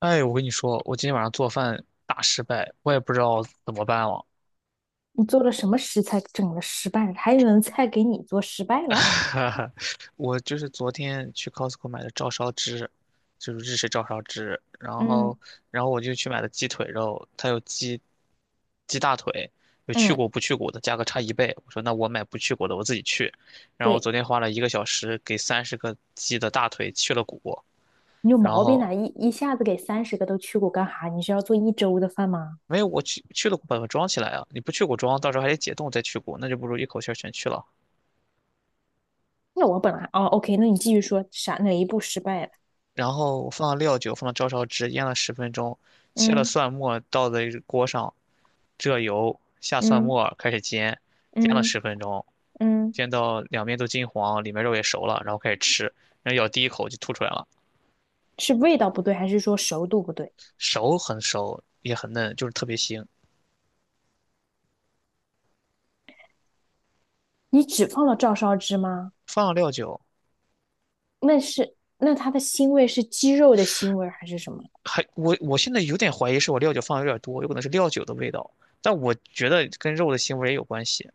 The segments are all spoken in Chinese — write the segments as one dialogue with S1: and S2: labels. S1: 哎，我跟你说，我今天晚上做饭大失败，我也不知道怎么办了。
S2: 你做了什么食材整了失败了？还有人菜给你做失败了？
S1: 我就是昨天去 Costco 买的照烧汁，就是日式照烧汁，然
S2: 嗯
S1: 后，然后我就去买了鸡腿肉，它有鸡，鸡大腿，有去
S2: 嗯，
S1: 骨不去骨的，价格差一倍。我说那我买不去骨的，我自己去。然后我
S2: 对，
S1: 昨天花了1个小时给30个鸡的大腿去了骨，
S2: 你有
S1: 然
S2: 毛病
S1: 后
S2: 啊！一下子给30个都去过干哈？你是要做一周的饭吗？
S1: 没有我去了骨把它装起来啊，你不去骨装，到时候还得解冻再去骨，那就不如一口气儿全去了。
S2: 那我本来哦，OK，那你继续说啥？哪一步失败了？
S1: 然后放了料酒，放了照烧汁，腌了十分钟，切了
S2: 嗯
S1: 蒜末，倒在锅上，热油，下蒜
S2: 嗯
S1: 末，开始煎，煎了
S2: 嗯
S1: 十分钟，
S2: 嗯，
S1: 煎到两面都金黄，里面肉也熟了，然后开始吃，然后咬第一口就吐出来了。
S2: 是味道不对，还是说熟度不对？
S1: 熟很熟，也很嫩，就是特别腥。
S2: 你只放了照烧汁吗？
S1: 放了料酒，
S2: 那是，那它的腥味是鸡肉的腥味还是什么？
S1: 还我现在有点怀疑是我料酒放的有点多，有可能是料酒的味道，但我觉得跟肉的腥味儿也有关系。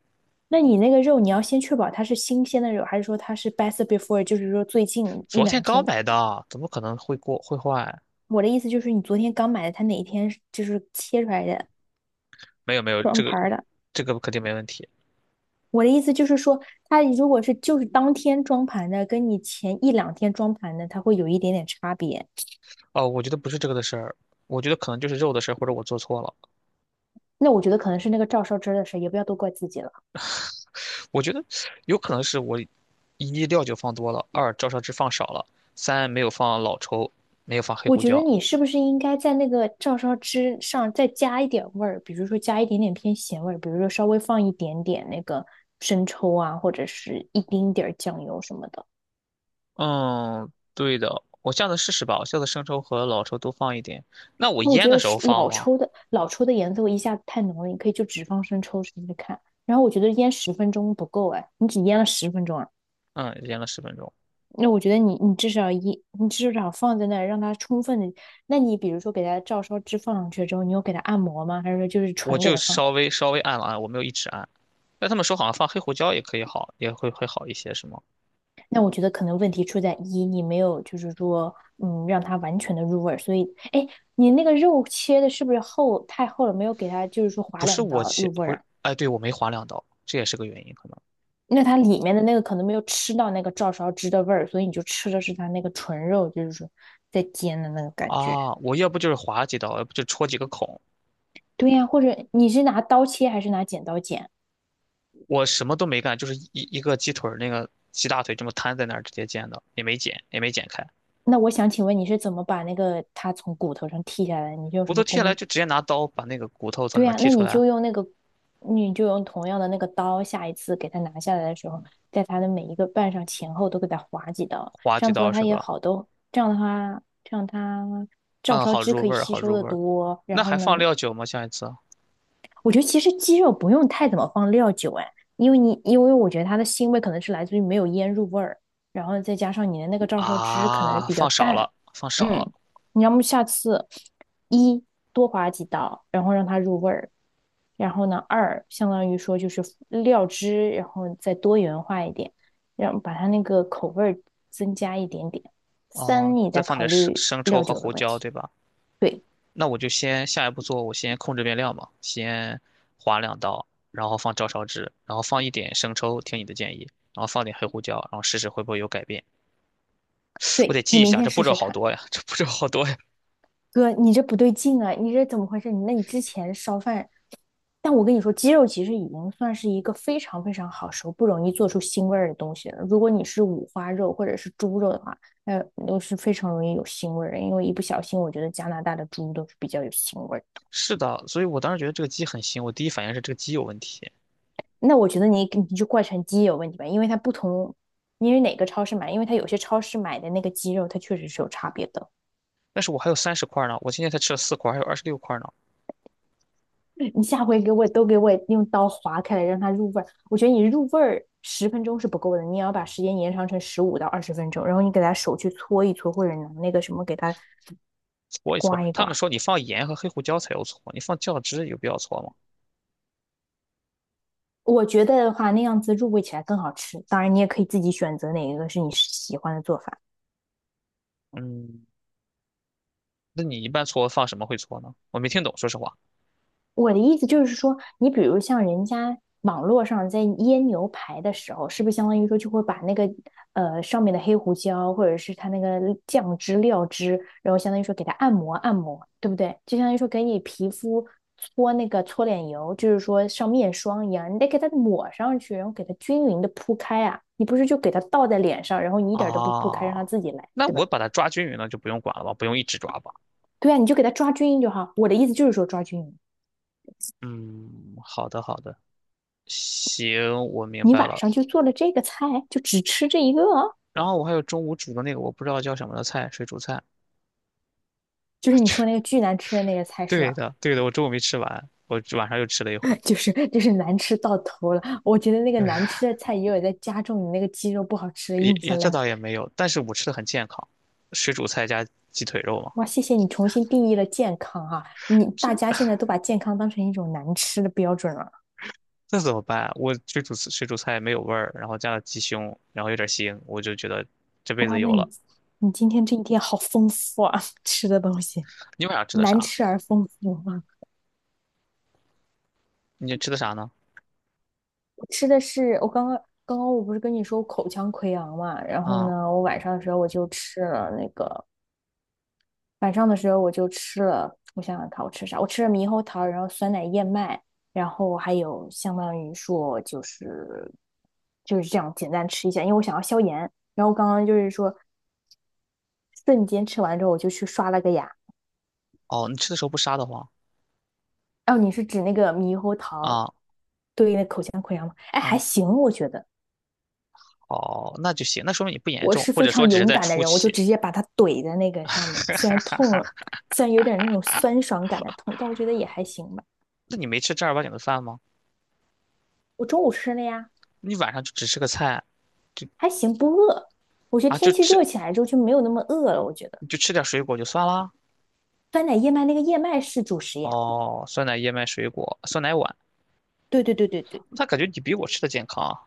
S2: 那你那个肉，你要先确保它是新鲜的肉，还是说它是 best before，就是说最近一
S1: 昨天
S2: 两
S1: 刚
S2: 天。
S1: 买的，怎么可能会过会坏？
S2: 我的意思就是你昨天刚买的，它哪一天是就是切出来的
S1: 没有没有，
S2: 装
S1: 这个
S2: 盘儿的？
S1: 这个肯定没问题。
S2: 我的意思就是说，它如果是就是当天装盘的，跟你前一两天装盘的，它会有一点点差别。
S1: 哦，我觉得不是这个的事儿，我觉得可能就是肉的事儿，或者我做错了。
S2: 那我觉得可能是那个照烧汁儿的事，也不要都怪自己了。
S1: 我觉得有可能是我，一料酒放多了，二照烧汁放少了，三没有放老抽，没有放黑
S2: 我
S1: 胡
S2: 觉得
S1: 椒。
S2: 你是不是应该在那个照烧汁上再加一点味儿，比如说加一点点偏咸味儿，比如说稍微放一点点那个生抽啊，或者是一丁点儿酱油什么的。
S1: 嗯，对的，我下次试试吧，我下次生抽和老抽都放一点。那我
S2: 但我
S1: 腌
S2: 觉
S1: 的
S2: 得
S1: 时候
S2: 是
S1: 放
S2: 老
S1: 吗？
S2: 抽的老抽的颜色我一下子太浓了，你可以就只放生抽试试看。然后我觉得腌十分钟不够哎，你只腌了十分钟啊，
S1: 嗯，腌了十分钟，
S2: 那我觉得你至少放在那儿让它充分的。那你比如说给它照烧汁放上去之后，你有给它按摩吗？还是说就是
S1: 我
S2: 纯给
S1: 就
S2: 它放？
S1: 稍微按了按，我没有一直按。但他们说好像放黑胡椒也可以好，也会好一些，是吗？
S2: 那我觉得可能问题出在一你没有就是说让它完全的入味儿，所以哎，你那个肉切的是不是太厚了，没有给它就是说划
S1: 不是
S2: 两
S1: 我
S2: 刀
S1: 切，
S2: 入味
S1: 不
S2: 儿
S1: 是，
S2: 啊？
S1: 哎，对，我没划两刀，这也是个原因，可能。
S2: 那它里面的那个可能没有吃到那个照烧汁的味儿，所以你就吃的是它那个纯肉，就是说在煎的那个感觉。
S1: 啊，我要不就是划几刀，要不就戳几个孔，
S2: 对呀，或者你是拿刀切还是拿剪刀剪？
S1: 我什么都没干，就是一个鸡腿儿那个鸡大腿这么摊在那儿直接煎的，也没剪，也没剪开，
S2: 那我想请问你是怎么把那个它从骨头上剔下来，你就用
S1: 骨
S2: 什
S1: 头
S2: 么
S1: 剔下来
S2: 工？
S1: 就直接拿刀把那个骨头从里
S2: 对
S1: 面
S2: 呀，
S1: 剔
S2: 那
S1: 出
S2: 你
S1: 来，
S2: 就用那个，你就用同样的那个刀，下一次给它拿下来的时候，在它的每一个瓣上前后都给它划几刀，
S1: 划
S2: 这
S1: 几
S2: 样子的
S1: 刀
S2: 话
S1: 是
S2: 它也
S1: 吧？
S2: 好多，这样的话，这样它照
S1: 嗯，
S2: 烧
S1: 好
S2: 汁
S1: 入
S2: 可以
S1: 味儿，
S2: 吸
S1: 好
S2: 收
S1: 入
S2: 的
S1: 味儿。
S2: 多。
S1: 那
S2: 然后
S1: 还
S2: 呢，
S1: 放料酒吗？下一次
S2: 我觉得其实鸡肉不用太怎么放料酒哎，因为我觉得它的腥味可能是来自于没有腌入味儿，然后再加上你的那个照烧汁可能
S1: 啊，
S2: 比较
S1: 放少
S2: 淡。
S1: 了，放少
S2: 嗯，
S1: 了。
S2: 你要么下次一多划几刀，然后让它入味儿，然后呢二相当于说就是料汁，然后再多元化一点，让把它那个口味儿增加一点点，三
S1: 哦，
S2: 你
S1: 再
S2: 再
S1: 放
S2: 考
S1: 点生
S2: 虑
S1: 生抽
S2: 料
S1: 和
S2: 酒的
S1: 胡
S2: 问
S1: 椒，
S2: 题。
S1: 对吧？
S2: 对，
S1: 那我就先下一步做，我先控制变量嘛，先划两刀，然后放照烧汁，然后放一点生抽，听你的建议，然后放点黑胡椒，然后试试会不会有改变。我得
S2: 对，你
S1: 记一
S2: 明
S1: 下，
S2: 天
S1: 这步
S2: 试
S1: 骤
S2: 试
S1: 好
S2: 看。
S1: 多呀，这步骤好多呀。
S2: 哥，你这不对劲啊！你这怎么回事？你之前烧饭，但我跟你说，鸡肉其实已经算是一个非常非常好熟、不容易做出腥味儿的东西了。如果你是五花肉或者是猪肉的话，那都是非常容易有腥味儿的。因为一不小心，我觉得加拿大的猪都是比较有腥味儿的。
S1: 是的，所以我当时觉得这个鸡很腥，我第一反应是这个鸡有问题。
S2: 那我觉得你你就怪成鸡有问题吧，因为它不同，因为哪个超市买，因为它有些超市买的那个鸡肉，它确实是有差别的。
S1: 但是我还有30块呢，我今天才吃了4块，还有26块呢，
S2: 你下回给我都给我用刀划开来，让它入味儿。我觉得你入味儿十分钟是不够的，你也要把时间延长成15到20分钟，然后你给它手去搓一搓，或者拿那个什么给它
S1: 搓一搓。
S2: 刮一
S1: 他们
S2: 刮。
S1: 说你放盐和黑胡椒才有搓，你放酱汁有必要搓吗？
S2: 我觉得的话，那样子入味起来更好吃。当然，你也可以自己选择哪一个是你喜欢的做法。
S1: 嗯，那你一般搓放什么会搓呢？我没听懂，说实话。
S2: 我的意思就是说，你比如像人家网络上在腌牛排的时候，是不是相当于说就会把那个上面的黑胡椒或者是它那个酱汁料汁，然后相当于说给它按摩按摩，对不对？就相当于说给你皮肤搓那个搓脸油，就是说像面霜一样，你得给它抹上去，然后给它均匀的铺开啊。你不是就给它倒在脸上，然后你一点儿都不铺开，
S1: 啊，
S2: 让它自己来，
S1: 那
S2: 对
S1: 我
S2: 吧？
S1: 把它抓均匀了，就不用管了吧，不用一直抓吧。
S2: 对啊，你就给它抓均匀就好。我的意思就是说抓均匀。
S1: 嗯，好的好的，行，我明
S2: 你
S1: 白
S2: 晚
S1: 了。
S2: 上就做了这个菜，就只吃这一个哦，
S1: 然后我还有中午煮的那个我不知道叫什么的菜，水煮菜。
S2: 就是你说那 个巨难吃的那个菜是
S1: 对
S2: 吧？
S1: 的对的，我中午没吃完，我晚上又吃了一回
S2: 就是难吃到头了。我觉得那个 难
S1: 哎，
S2: 吃的菜也有在加重你那个鸡肉不好吃的
S1: 也
S2: 印
S1: 也
S2: 象
S1: 这
S2: 量。
S1: 倒也没有，但是我吃的很健康，水煮菜加鸡腿肉嘛。
S2: 哇，谢谢你重新定义了健康啊！你大家
S1: 这
S2: 现在都把健康当成一种难吃的标准了。
S1: 这怎么办？我水煮菜没有味儿，然后加了鸡胸，然后有点腥，我就觉得这辈
S2: 哇，
S1: 子有
S2: 那你
S1: 了。
S2: 你今天这一天好丰富啊，吃的东西
S1: 你晚上吃的
S2: 难
S1: 啥？
S2: 吃而丰富啊！
S1: 你吃的啥呢？
S2: 我吃的是我刚刚。刚刚我不是跟你说我口腔溃疡嘛，然后
S1: 啊、
S2: 呢，我晚上的时候我就吃了那个晚上的时候我就吃了，我想想看我吃啥，我吃了猕猴桃，然后酸奶燕麦，然后还有相当于说就是就是这样简单吃一下，因为我想要消炎。然后刚刚就是说瞬间吃完之后我就去刷了个牙。
S1: 哦，你吃的时候不杀的慌
S2: 哦，你是指那个猕猴桃？
S1: 啊、
S2: 对，哎，还
S1: 哦，
S2: 行，我觉得
S1: 哦，那就行，那说明你不严
S2: 我
S1: 重，
S2: 是
S1: 或
S2: 非
S1: 者说
S2: 常
S1: 只是
S2: 勇
S1: 在
S2: 敢的
S1: 初
S2: 人，我就
S1: 期。
S2: 直接把它怼在那个上面，虽然痛了，虽然有点那种酸爽感的痛，但我觉得也还行吧。
S1: 那你没吃正儿八经的饭吗？
S2: 我中午吃了呀。
S1: 你晚上就只吃个菜，就
S2: 还行，不饿。我觉得
S1: 啊，就
S2: 天气
S1: 吃
S2: 热起来之后就没有那么饿了。我觉得
S1: 就吃点水果就算啦。
S2: 酸奶燕麦那个燕麦是主食呀。
S1: 哦，酸奶、燕麦、水果、酸奶碗，
S2: 对对对对对，
S1: 那感觉你比我吃的健康啊。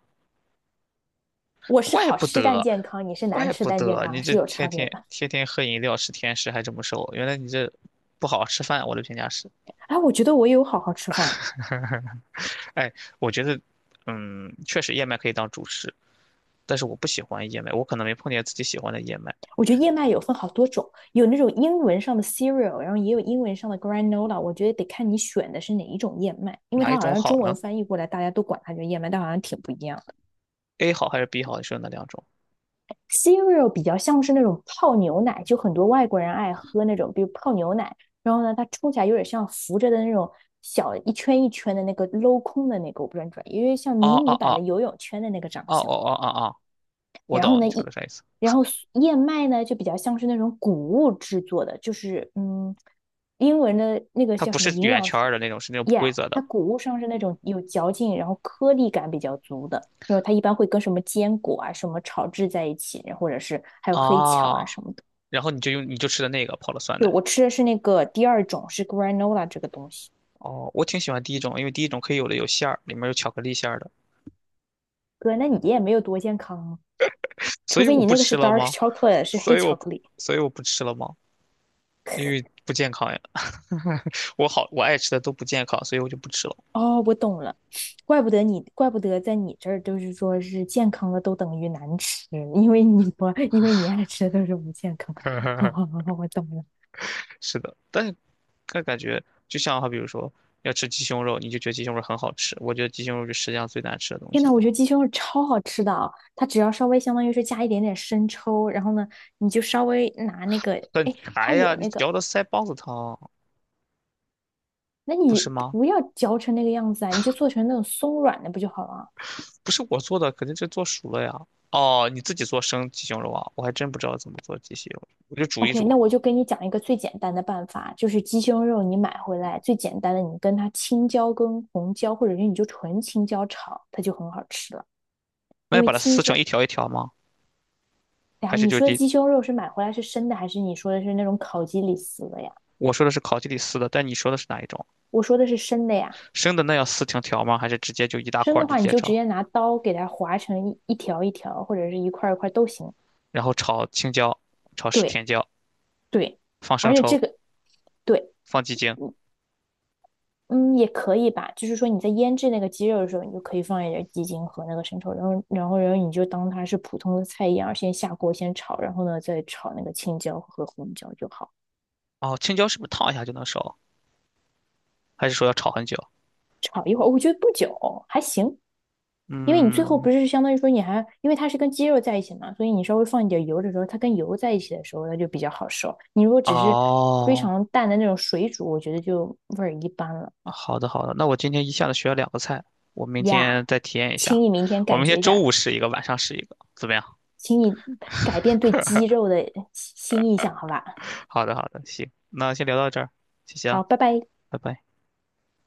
S2: 我是
S1: 怪
S2: 好
S1: 不
S2: 吃但
S1: 得，
S2: 健康，你是难
S1: 怪
S2: 吃
S1: 不
S2: 但健
S1: 得
S2: 康，
S1: 你
S2: 是
S1: 这
S2: 有差
S1: 天
S2: 别
S1: 天
S2: 的。
S1: 天天喝饮料吃甜食还这么瘦，原来你这不好好吃饭，我的评价是。
S2: 哎，我觉得我也有好好吃饭。
S1: 哎，我觉得，嗯，确实燕麦可以当主食，但是我不喜欢燕麦，我可能没碰见自己喜欢的燕麦。
S2: 我觉得燕麦有分好多种，有那种英文上的 cereal，然后也有英文上的 granola。我觉得得看你选的是哪一种燕麦，因为
S1: 哪
S2: 它
S1: 一
S2: 好
S1: 种
S2: 像
S1: 好
S2: 中文
S1: 呢？
S2: 翻译过来，大家都管它叫燕麦，但好像挺不一样的。
S1: A 好还是 B 好？你说哪两种？
S2: cereal 比较像是那种泡牛奶，就很多外国人爱喝那种，比如泡牛奶。然后呢，它冲起来有点像浮着的那种小一圈一圈的那个镂空的那个，我不知道你知道，因为像
S1: 哦
S2: 迷你
S1: 哦
S2: 版的
S1: 哦
S2: 游泳圈的那个长
S1: 哦哦
S2: 相。
S1: 哦哦哦，我
S2: 然后
S1: 懂
S2: 呢，
S1: 你说
S2: 一
S1: 的啥意思。
S2: 然后苏燕麦呢就比较像是那种谷物制作的，就是嗯，英文的那个
S1: 它
S2: 叫
S1: 不
S2: 什么
S1: 是
S2: 营
S1: 圆
S2: 养
S1: 圈
S2: 素
S1: 儿的那种，是那种不规
S2: ，yeah，
S1: 则
S2: 它
S1: 的
S2: 谷物上是那种有嚼劲，然后颗粒感比较足的，因为它一般会跟什么坚果啊什么炒制在一起，或者是还有黑巧
S1: 啊。
S2: 啊什么的。
S1: 然后你就用你就吃的那个泡了酸
S2: 对，
S1: 奶。
S2: 我吃的是那个第二种，是 granola 这个东西。
S1: 哦，我挺喜欢第一种，因为第一种可以有的有馅儿，里面有巧克力馅儿的，
S2: 哥，那你也没有多健康啊，
S1: 所
S2: 除
S1: 以
S2: 非
S1: 我
S2: 你
S1: 不
S2: 那个是
S1: 吃了
S2: dark
S1: 吗？
S2: chocolate，是黑
S1: 所以我
S2: 巧
S1: 不，
S2: 克力。
S1: 所以我不吃了吗？因为不健康呀。我好，我爱吃的都不健康，所以我就不吃了。
S2: 哦，我懂了，怪不得你，怪不得在你这儿就是说是健康的都等于难吃，因为你不，因为你爱吃的都是不健康。好好 好好，我懂了。
S1: 是的，但是但感觉就像哈，比如说要吃鸡胸肉，你就觉得鸡胸肉很好吃，我觉得鸡胸肉是世界上最难吃的东
S2: 天
S1: 西
S2: 呐，
S1: 一
S2: 我觉
S1: 样，
S2: 得鸡胸肉超好吃的啊，它只要稍微相当于是加一点点生抽，然后呢，你就稍微拿那个，
S1: 很
S2: 哎，
S1: 柴
S2: 它
S1: 呀，
S2: 有
S1: 你
S2: 那个，
S1: 嚼的腮帮子疼，
S2: 那
S1: 不是
S2: 你
S1: 吗？
S2: 不要嚼成那个样子啊，你就做成那种松软的不就好了啊？
S1: 不是我做的，肯定是做熟了呀。哦，你自己做生鸡胸肉啊？我还真不知道怎么做鸡胸肉，我就煮一
S2: OK，
S1: 煮。
S2: 那我就跟你讲一个最简单的办法，就是鸡胸肉你买回来最简单的，你跟它青椒跟红椒，或者是你就纯青椒炒，它就很好吃了。
S1: 那要
S2: 因为
S1: 把它
S2: 青
S1: 撕
S2: 椒，
S1: 成一条一条吗？
S2: 哎呀，
S1: 还是
S2: 你
S1: 就
S2: 说的
S1: 地？
S2: 鸡胸肉是买回来是生的，还是你说的是那种烤鸡里撕的呀？
S1: 我说的是烤鸡里撕的，但你说的是哪一种？
S2: 我说的是生的呀，
S1: 生的那要撕成条吗？还是直接就一大
S2: 生
S1: 块儿
S2: 的
S1: 就
S2: 话
S1: 直
S2: 你
S1: 接
S2: 就直
S1: 炒？
S2: 接拿刀给它划成一条一条，或者是一块一块都行。
S1: 然后炒青椒，炒
S2: 对，
S1: 甜椒，
S2: 对，
S1: 放
S2: 而
S1: 生
S2: 且这
S1: 抽，
S2: 个，对。
S1: 放鸡精。
S2: 嗯，也可以吧，就是说你在腌制那个鸡肉的时候，你就可以放一点鸡精和那个生抽，然后你就当它是普通的菜一样，先下锅先炒，然后呢再炒那个青椒和红椒就好。
S1: 哦，青椒是不是烫一下就能熟？还是说要炒很久？
S2: 炒一会儿，我觉得不久，还行，因为你最后不
S1: 嗯，
S2: 是相当于说你还，因为它是跟鸡肉在一起嘛，所以你稍微放一点油的时候，它跟油在一起的时候，它就比较好熟。你如果只是非
S1: 哦，
S2: 常淡的那种水煮，我觉得就味儿一般了
S1: 好的好的，那我今天一下子学了两个菜，我明
S2: 呀。Yeah，
S1: 天再体验一
S2: 请
S1: 下。
S2: 你明天
S1: 我
S2: 感
S1: 明天
S2: 觉一
S1: 中
S2: 下，
S1: 午试一个，晚上试一个，怎么样？
S2: 请你改变对肌肉的新印象，好吧？
S1: 好的好的，行，那先聊到这儿，谢谢啊，
S2: 好，拜拜。
S1: 拜拜。